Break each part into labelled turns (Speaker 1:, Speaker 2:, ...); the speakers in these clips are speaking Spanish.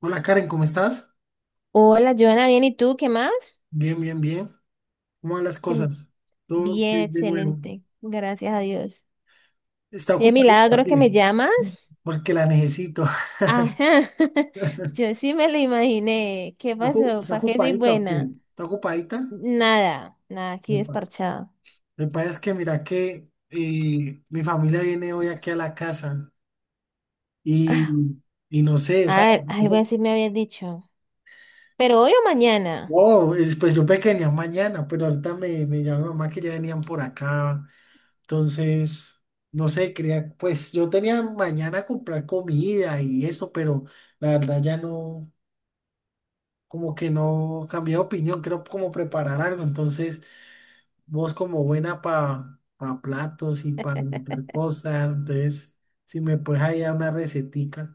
Speaker 1: Hola Karen, ¿cómo estás?
Speaker 2: Hola, Joana, bien, ¿y tú qué más?
Speaker 1: Bien, bien, bien. ¿Cómo van las
Speaker 2: Que-
Speaker 1: cosas? Todo
Speaker 2: Bien,
Speaker 1: bien de nuevo.
Speaker 2: excelente, gracias a Dios.
Speaker 1: ¿Está
Speaker 2: Qué
Speaker 1: ocupadita?
Speaker 2: milagro que
Speaker 1: ¿Qué?
Speaker 2: me llamas.
Speaker 1: Porque la necesito.
Speaker 2: Ajá,
Speaker 1: ¿Está
Speaker 2: yo sí me lo imaginé. ¿Qué
Speaker 1: ocu-
Speaker 2: pasó?
Speaker 1: está
Speaker 2: ¿Para qué soy
Speaker 1: ocupadita o qué?
Speaker 2: buena?
Speaker 1: ¿Está ocupadita?
Speaker 2: Nada, nada, aquí
Speaker 1: Epa.
Speaker 2: desparchada.
Speaker 1: Lo que pasa es que mira que mi familia viene hoy aquí a la casa y, y no sé, o sea,
Speaker 2: Ay, algo así me habías dicho. ¿Pero hoy o mañana?
Speaker 1: no, pues yo pequeña mañana, pero ahorita me llamó mamá que ya venían por acá. Entonces, no sé, quería, pues yo tenía mañana comprar comida y eso, pero la verdad ya no, como que no cambié de opinión, quiero como preparar algo. Entonces, vos como buena para platos y para montar cosas, entonces, si me puedes ahí dar una recetica.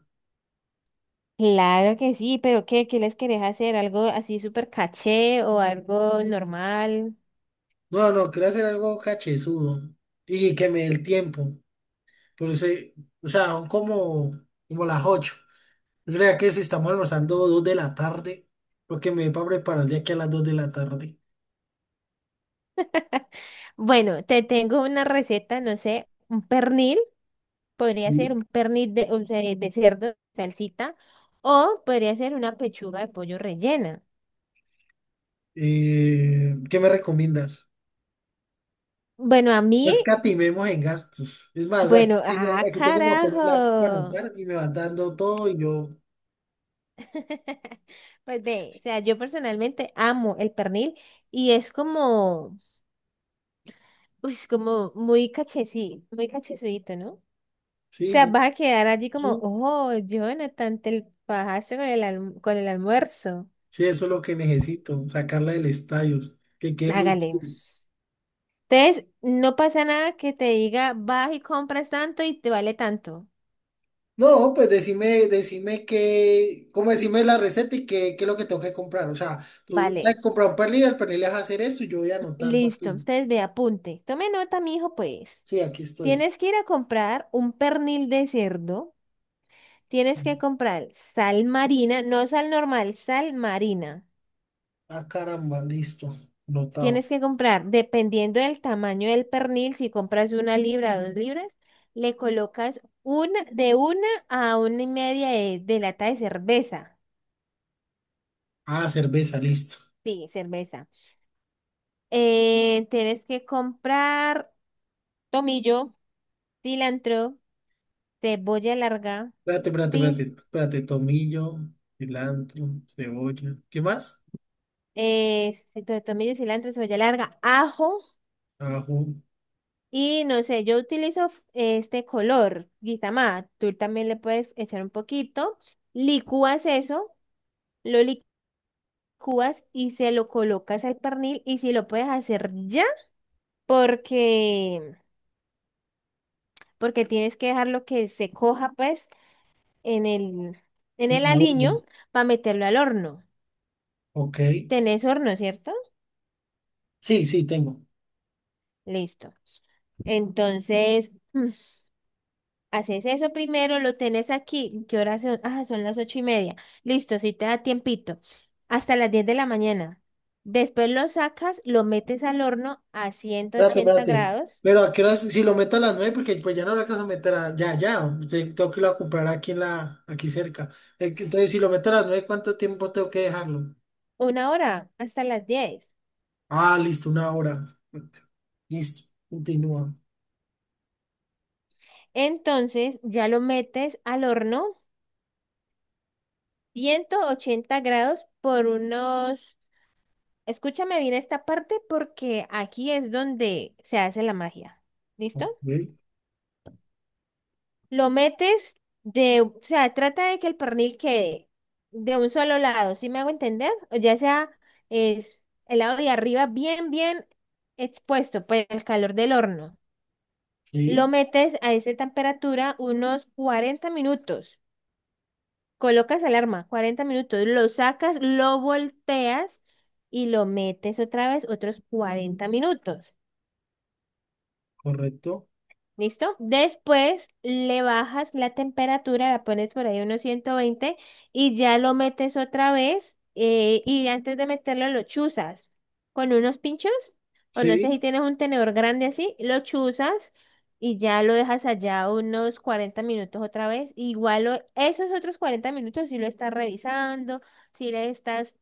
Speaker 2: Claro que sí, pero ¿qué? ¿Qué les querés hacer? ¿Algo así súper caché o algo normal?
Speaker 1: No, no, quiero hacer algo cachezudo y que me dé el tiempo. Por eso, o sea, son como las 8. Crea que si estamos almorzando 2 de la tarde, lo que me para preparar de aquí a las 2 de la tarde.
Speaker 2: Bueno, te tengo una receta, no sé, un pernil. Podría ser
Speaker 1: Mm.
Speaker 2: un pernil de, o sea, de cerdo en salsita o podría ser una pechuga de pollo rellena.
Speaker 1: ¿Qué me recomiendas?
Speaker 2: Bueno, a
Speaker 1: No
Speaker 2: mí,
Speaker 1: escatimemos en gastos. Es más, aquí
Speaker 2: bueno,
Speaker 1: tengo,
Speaker 2: ah,
Speaker 1: aquí tengo como papel y lápiz para
Speaker 2: carajo.
Speaker 1: anotar y me van dando todo y yo,
Speaker 2: Pues ve, o sea, yo personalmente amo el pernil y es como, uy, es como muy cachecito, muy cachezudito, ¿no? O
Speaker 1: sí,
Speaker 2: sea, vas a quedar allí como,
Speaker 1: sí,
Speaker 2: oh, Jonathan, te pasaste con el, con el almuerzo.
Speaker 1: sí, eso es lo que necesito, sacarla del estadio, que quede muy...
Speaker 2: Hágale. Entonces, no pasa nada que te diga, vas y compras tanto y te vale tanto.
Speaker 1: No, pues decime que, como decime la receta y qué es lo que tengo que comprar. O sea, tú has
Speaker 2: Vale.
Speaker 1: comprado un pernil, al pernil le vas a hacer esto y yo voy anotando
Speaker 2: Listo.
Speaker 1: aquí.
Speaker 2: Entonces, ve, apunte. Tome nota, mi hijo, pues.
Speaker 1: Sí, aquí estoy.
Speaker 2: Tienes que ir a comprar un pernil de cerdo. Tienes que comprar sal marina, no sal normal, sal marina.
Speaker 1: Ah, caramba, listo. Notado.
Speaker 2: Tienes que comprar, dependiendo del tamaño del pernil, si compras una libra o dos libras, le colocas una, de una a una y media de, lata de cerveza.
Speaker 1: Ah, cerveza, listo.
Speaker 2: Sí, cerveza. Tienes que comprar tomillo, cilantro, cebolla larga,
Speaker 1: Espérate, espérate,
Speaker 2: pi,
Speaker 1: espérate. Espérate, tomillo, cilantro, cebolla. ¿Qué más?
Speaker 2: tomillo, cilantro, cebolla larga, ajo
Speaker 1: Ajo.
Speaker 2: y no sé, yo utilizo este color, guisamá, tú también le puedes echar un poquito, licúas eso, lo licúas y se lo colocas al pernil y si lo puedes hacer ya, porque, porque tienes que dejarlo que se coja pues en el, en el
Speaker 1: ajo,
Speaker 2: aliño para meterlo al horno.
Speaker 1: Ok.
Speaker 2: Tenés horno, ¿cierto?
Speaker 1: Sí, sí, tengo.
Speaker 2: Listo. Entonces, haces eso primero, lo tenés aquí. ¿Qué hora son? Ah, son las 8:30. Listo, si te da tiempito. Hasta las 10 de la mañana. Después lo sacas, lo metes al horno a ciento
Speaker 1: Espérate,
Speaker 2: ochenta
Speaker 1: espérate.
Speaker 2: grados,
Speaker 1: Pero a qué horas, si lo meto a las 9, porque pues ya no lo alcanzo a meter ya, ya. Tengo que ir a comprar aquí en aquí cerca. Entonces, si lo meto a las nueve, ¿cuánto tiempo tengo que dejarlo?
Speaker 2: una hora, hasta las 10.
Speaker 1: Ah, listo, una hora. Listo. Continúa.
Speaker 2: Entonces, ya lo metes al horno, 180 grados por unos... Escúchame bien esta parte porque aquí es donde se hace la magia. ¿Listo?
Speaker 1: Ok.
Speaker 2: Lo metes de, o sea, trata de que el pernil quede de un solo lado, ¿sí me hago entender? O ya sea es el lado de arriba bien, bien expuesto, pues el calor del horno. Lo
Speaker 1: Sí,
Speaker 2: metes a esa temperatura unos 40 minutos. Colocas alarma, 40 minutos. Lo sacas, lo volteas y lo metes otra vez otros 40 minutos.
Speaker 1: correcto.
Speaker 2: ¿Listo? Después le bajas la temperatura, la pones por ahí unos 120 y ya lo metes otra vez y antes de meterlo lo chuzas con unos pinchos o no sé si
Speaker 1: Sí,
Speaker 2: tienes un tenedor grande así, lo chuzas y ya lo dejas allá unos 40 minutos otra vez. Igual esos otros 40 minutos si lo estás revisando, si le estás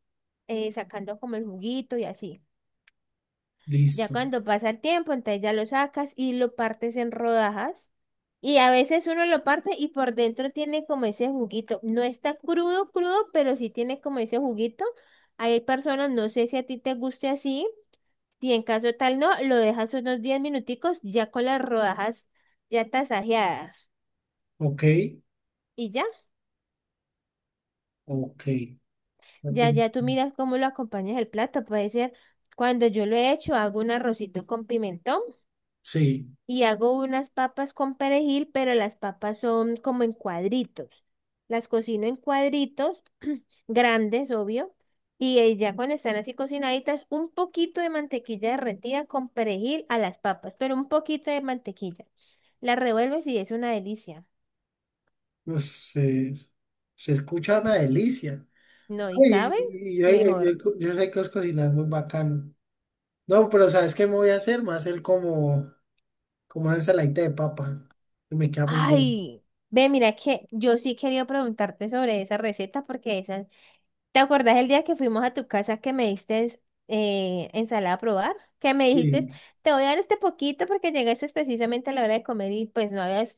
Speaker 2: sacando como el juguito y así. Ya
Speaker 1: listo.
Speaker 2: cuando pasa el tiempo, entonces ya lo sacas y lo partes en rodajas y a veces uno lo parte y por dentro tiene como ese juguito. No está crudo, crudo, pero sí tiene como ese juguito. Hay personas, no sé si a ti te guste así, y en caso tal no, lo dejas unos 10 minuticos ya con las rodajas ya tasajeadas.
Speaker 1: Ok,
Speaker 2: Y ya,
Speaker 1: ok. No te-
Speaker 2: ya, ya tú miras cómo lo acompañas el plato. Puede ser, cuando yo lo he hecho, hago un arrocito con pimentón
Speaker 1: Sí,
Speaker 2: y hago unas papas con perejil, pero las papas son como en cuadritos. Las cocino en cuadritos grandes, obvio, y ya cuando están así cocinaditas, un poquito de mantequilla derretida con perejil a las papas, pero un poquito de mantequilla. Las revuelves y es una delicia.
Speaker 1: pues, se escucha una delicia.
Speaker 2: No, ¿y
Speaker 1: Uy,
Speaker 2: saben?
Speaker 1: y hay- hay- hay
Speaker 2: Mejor.
Speaker 1: yo sé que os cocinas muy bacano. No, pero ¿sabes qué me voy a hacer? Me voy a hacer como una ensaladita de papa, que me queda muy bueno.
Speaker 2: Ay, ve, mira que yo sí quería preguntarte sobre esa receta porque esa ¿Te acordás el día que fuimos a tu casa que me diste ensalada a probar? Que me dijiste,
Speaker 1: Sí,
Speaker 2: te voy a dar este poquito porque llegaste precisamente a la hora de comer y pues no habías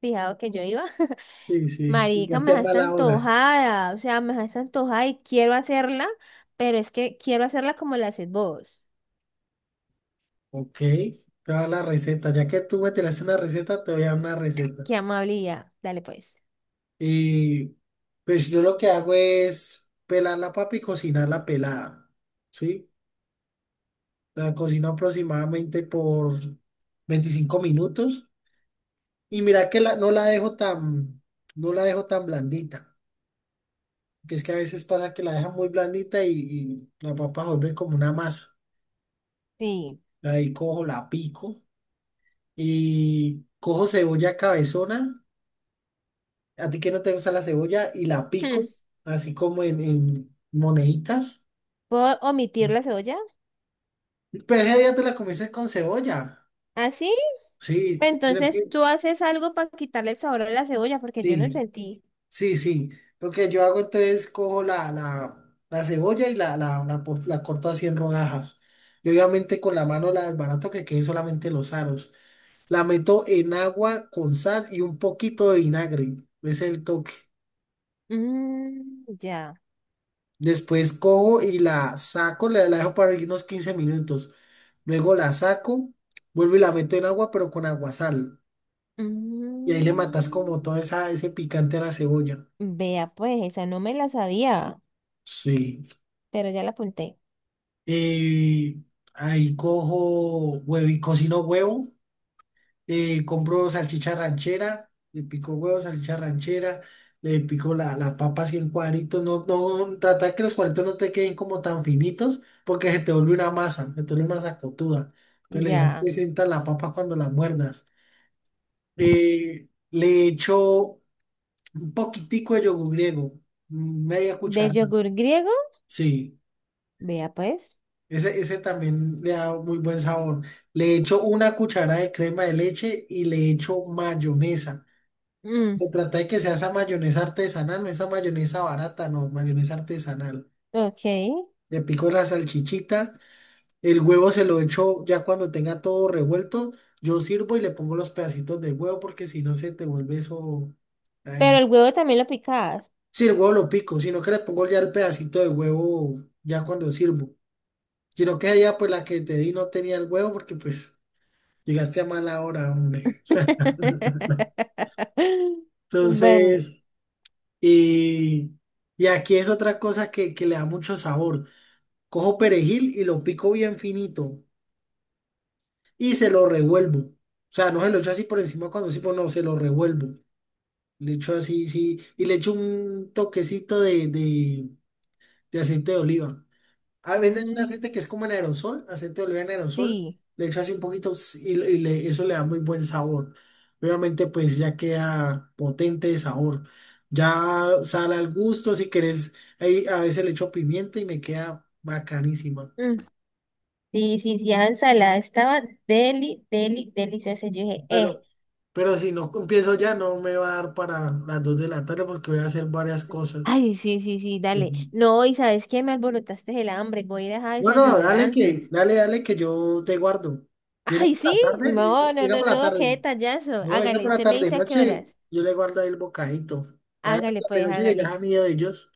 Speaker 2: fijado que yo iba.
Speaker 1: sí, sí. Y
Speaker 2: Marica,
Speaker 1: ya
Speaker 2: me
Speaker 1: sea
Speaker 2: dejaste
Speaker 1: mala hora.
Speaker 2: antojada, o sea, me dejaste antojada y quiero hacerla, pero es que quiero hacerla como la haces vos.
Speaker 1: Ok, te voy a dar la receta. Ya que tú me tiraste una receta, te voy a dar una receta.
Speaker 2: Qué amabilidad. Dale pues.
Speaker 1: Y pues yo lo que hago es pelar la papa y cocinarla pelada, ¿sí? La cocino aproximadamente por 25 minutos y mira que no la dejo tan, no la dejo tan blandita, que es que a veces pasa que la dejan muy blandita y la papa vuelve como una masa.
Speaker 2: Sí.
Speaker 1: Ahí cojo, la pico y cojo cebolla cabezona, a ti que no te gusta la cebolla, y la
Speaker 2: Hmm,
Speaker 1: pico así como en moneditas.
Speaker 2: ¿Puedo omitir la cebolla?
Speaker 1: Pero ese día te la comiste con cebolla.
Speaker 2: ¿Así?
Speaker 1: Sí,
Speaker 2: Entonces tú haces algo para quitarle el sabor a la cebolla porque yo no
Speaker 1: sí,
Speaker 2: sentí.
Speaker 1: sí, sí. Lo que yo hago entonces cojo la cebolla y la corto así en rodajas. Y obviamente con la mano la desbarato que queden solamente los aros. La meto en agua con sal y un poquito de vinagre. Ese es el toque.
Speaker 2: Mm, ya.
Speaker 1: Después cojo y la saco, la dejo para unos 15 minutos. Luego la saco, vuelvo y la meto en agua, pero con aguasal. Y ahí le matas como
Speaker 2: Mm,
Speaker 1: todo esa, ese picante a la cebolla.
Speaker 2: vea, pues, esa no me la sabía,
Speaker 1: Sí.
Speaker 2: pero ya la apunté.
Speaker 1: Eh, ahí cojo huevo y cocino huevo. Eh, compro salchicha ranchera. Le pico huevo, salchicha ranchera. Le pico la papa así en cuadritos. No, no, tratar que los cuadritos no te queden como tan finitos porque se te vuelve una masa. Se te vuelve una sacotuda. Entonces le dejas que
Speaker 2: Ya.
Speaker 1: sienta la papa cuando la muerdas. Le echo un poquitico de yogur griego. Media
Speaker 2: De
Speaker 1: cucharada.
Speaker 2: yogur griego,
Speaker 1: Sí.
Speaker 2: vea, pues.
Speaker 1: Ese también le da muy buen sabor. Le echo una cucharada de crema de leche y le echo mayonesa.
Speaker 2: Mm,
Speaker 1: Me trata de que sea esa mayonesa artesanal, no esa mayonesa barata, no, mayonesa artesanal.
Speaker 2: ok.
Speaker 1: Le pico la salchichita, el huevo se lo echo ya cuando tenga todo revuelto. Yo sirvo y le pongo los pedacitos de huevo porque si no se te vuelve eso.
Speaker 2: Pero
Speaker 1: Ay.
Speaker 2: el huevo también lo picabas.
Speaker 1: Sí, el huevo lo pico, sino que le pongo ya el pedacito de huevo ya cuando sirvo. Sino que allá pues la que te di no tenía el huevo porque pues. Llegaste a mala hora, hombre.
Speaker 2: Bueno,
Speaker 1: Entonces, y, y aquí es otra cosa que le da mucho sabor. Cojo perejil y lo pico bien finito y se lo revuelvo. O sea, no se lo echo así por encima cuando sí, pues no, se lo revuelvo. Le echo así, sí, y le echo un toquecito de aceite de oliva. A venden un
Speaker 2: mm,
Speaker 1: aceite que es como en aerosol, aceite de oliva en aerosol.
Speaker 2: sí.
Speaker 1: Le echo así un poquito y eso le da muy buen sabor. Obviamente, pues ya queda potente de sabor. Ya sal al gusto, si querés. Ahí a veces le echo pimienta y me queda bacanísima.
Speaker 2: Mm, sí, sí, sí, esa ensalada estaba deli, deli, deliciosa. Yo dije,
Speaker 1: Pero, pero si no empiezo ya, no me va a dar para las 2 de la tarde porque voy a hacer varias cosas.
Speaker 2: ay, sí, sí, sí, dale.
Speaker 1: Ujú.
Speaker 2: No, y ¿sabes qué? Me alborotaste el hambre. Voy a ir a
Speaker 1: No, no,
Speaker 2: desayunar
Speaker 1: dale que,
Speaker 2: antes.
Speaker 1: dale, dale que yo te guardo. ¿Vienes
Speaker 2: Ay,
Speaker 1: por
Speaker 2: sí,
Speaker 1: la tarde?
Speaker 2: no, no,
Speaker 1: Venga
Speaker 2: no,
Speaker 1: por la
Speaker 2: no, qué
Speaker 1: tarde.
Speaker 2: detallazo.
Speaker 1: No, venga
Speaker 2: Hágale,
Speaker 1: por la
Speaker 2: usted me
Speaker 1: tarde y
Speaker 2: dice a qué
Speaker 1: noche,
Speaker 2: horas.
Speaker 1: yo le guardo ahí el bocadito. Vaya la
Speaker 2: Hágale,
Speaker 1: tarde y
Speaker 2: pues,
Speaker 1: noche que ya es
Speaker 2: hágale.
Speaker 1: amigo de ellos.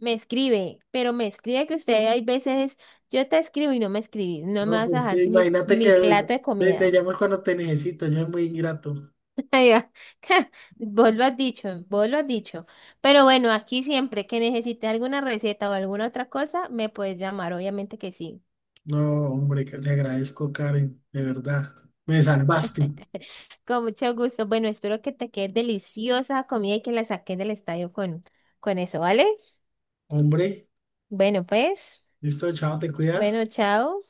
Speaker 2: Me escribe, pero me escribe que usted hay veces, yo te escribo y no me escribís, no me
Speaker 1: No,
Speaker 2: vas a
Speaker 1: pues
Speaker 2: dejar
Speaker 1: sí,
Speaker 2: sin mi,
Speaker 1: imagínate que
Speaker 2: mi
Speaker 1: ahorita
Speaker 2: plato de
Speaker 1: te
Speaker 2: comida.
Speaker 1: llamas cuando te necesito, yo es muy ingrato.
Speaker 2: Ay, ah, Vos lo has dicho, vos lo has dicho. Pero bueno, aquí siempre que necesite alguna receta o alguna otra cosa, me puedes llamar, obviamente que sí.
Speaker 1: No, hombre, que te agradezco, Karen, de verdad. Me salvaste.
Speaker 2: Con mucho gusto. Bueno, espero que te quede deliciosa comida y que la saques del estadio con, eso, ¿vale?
Speaker 1: Hombre,
Speaker 2: Bueno, pues,
Speaker 1: listo, chao, te cuidas.
Speaker 2: bueno, chao.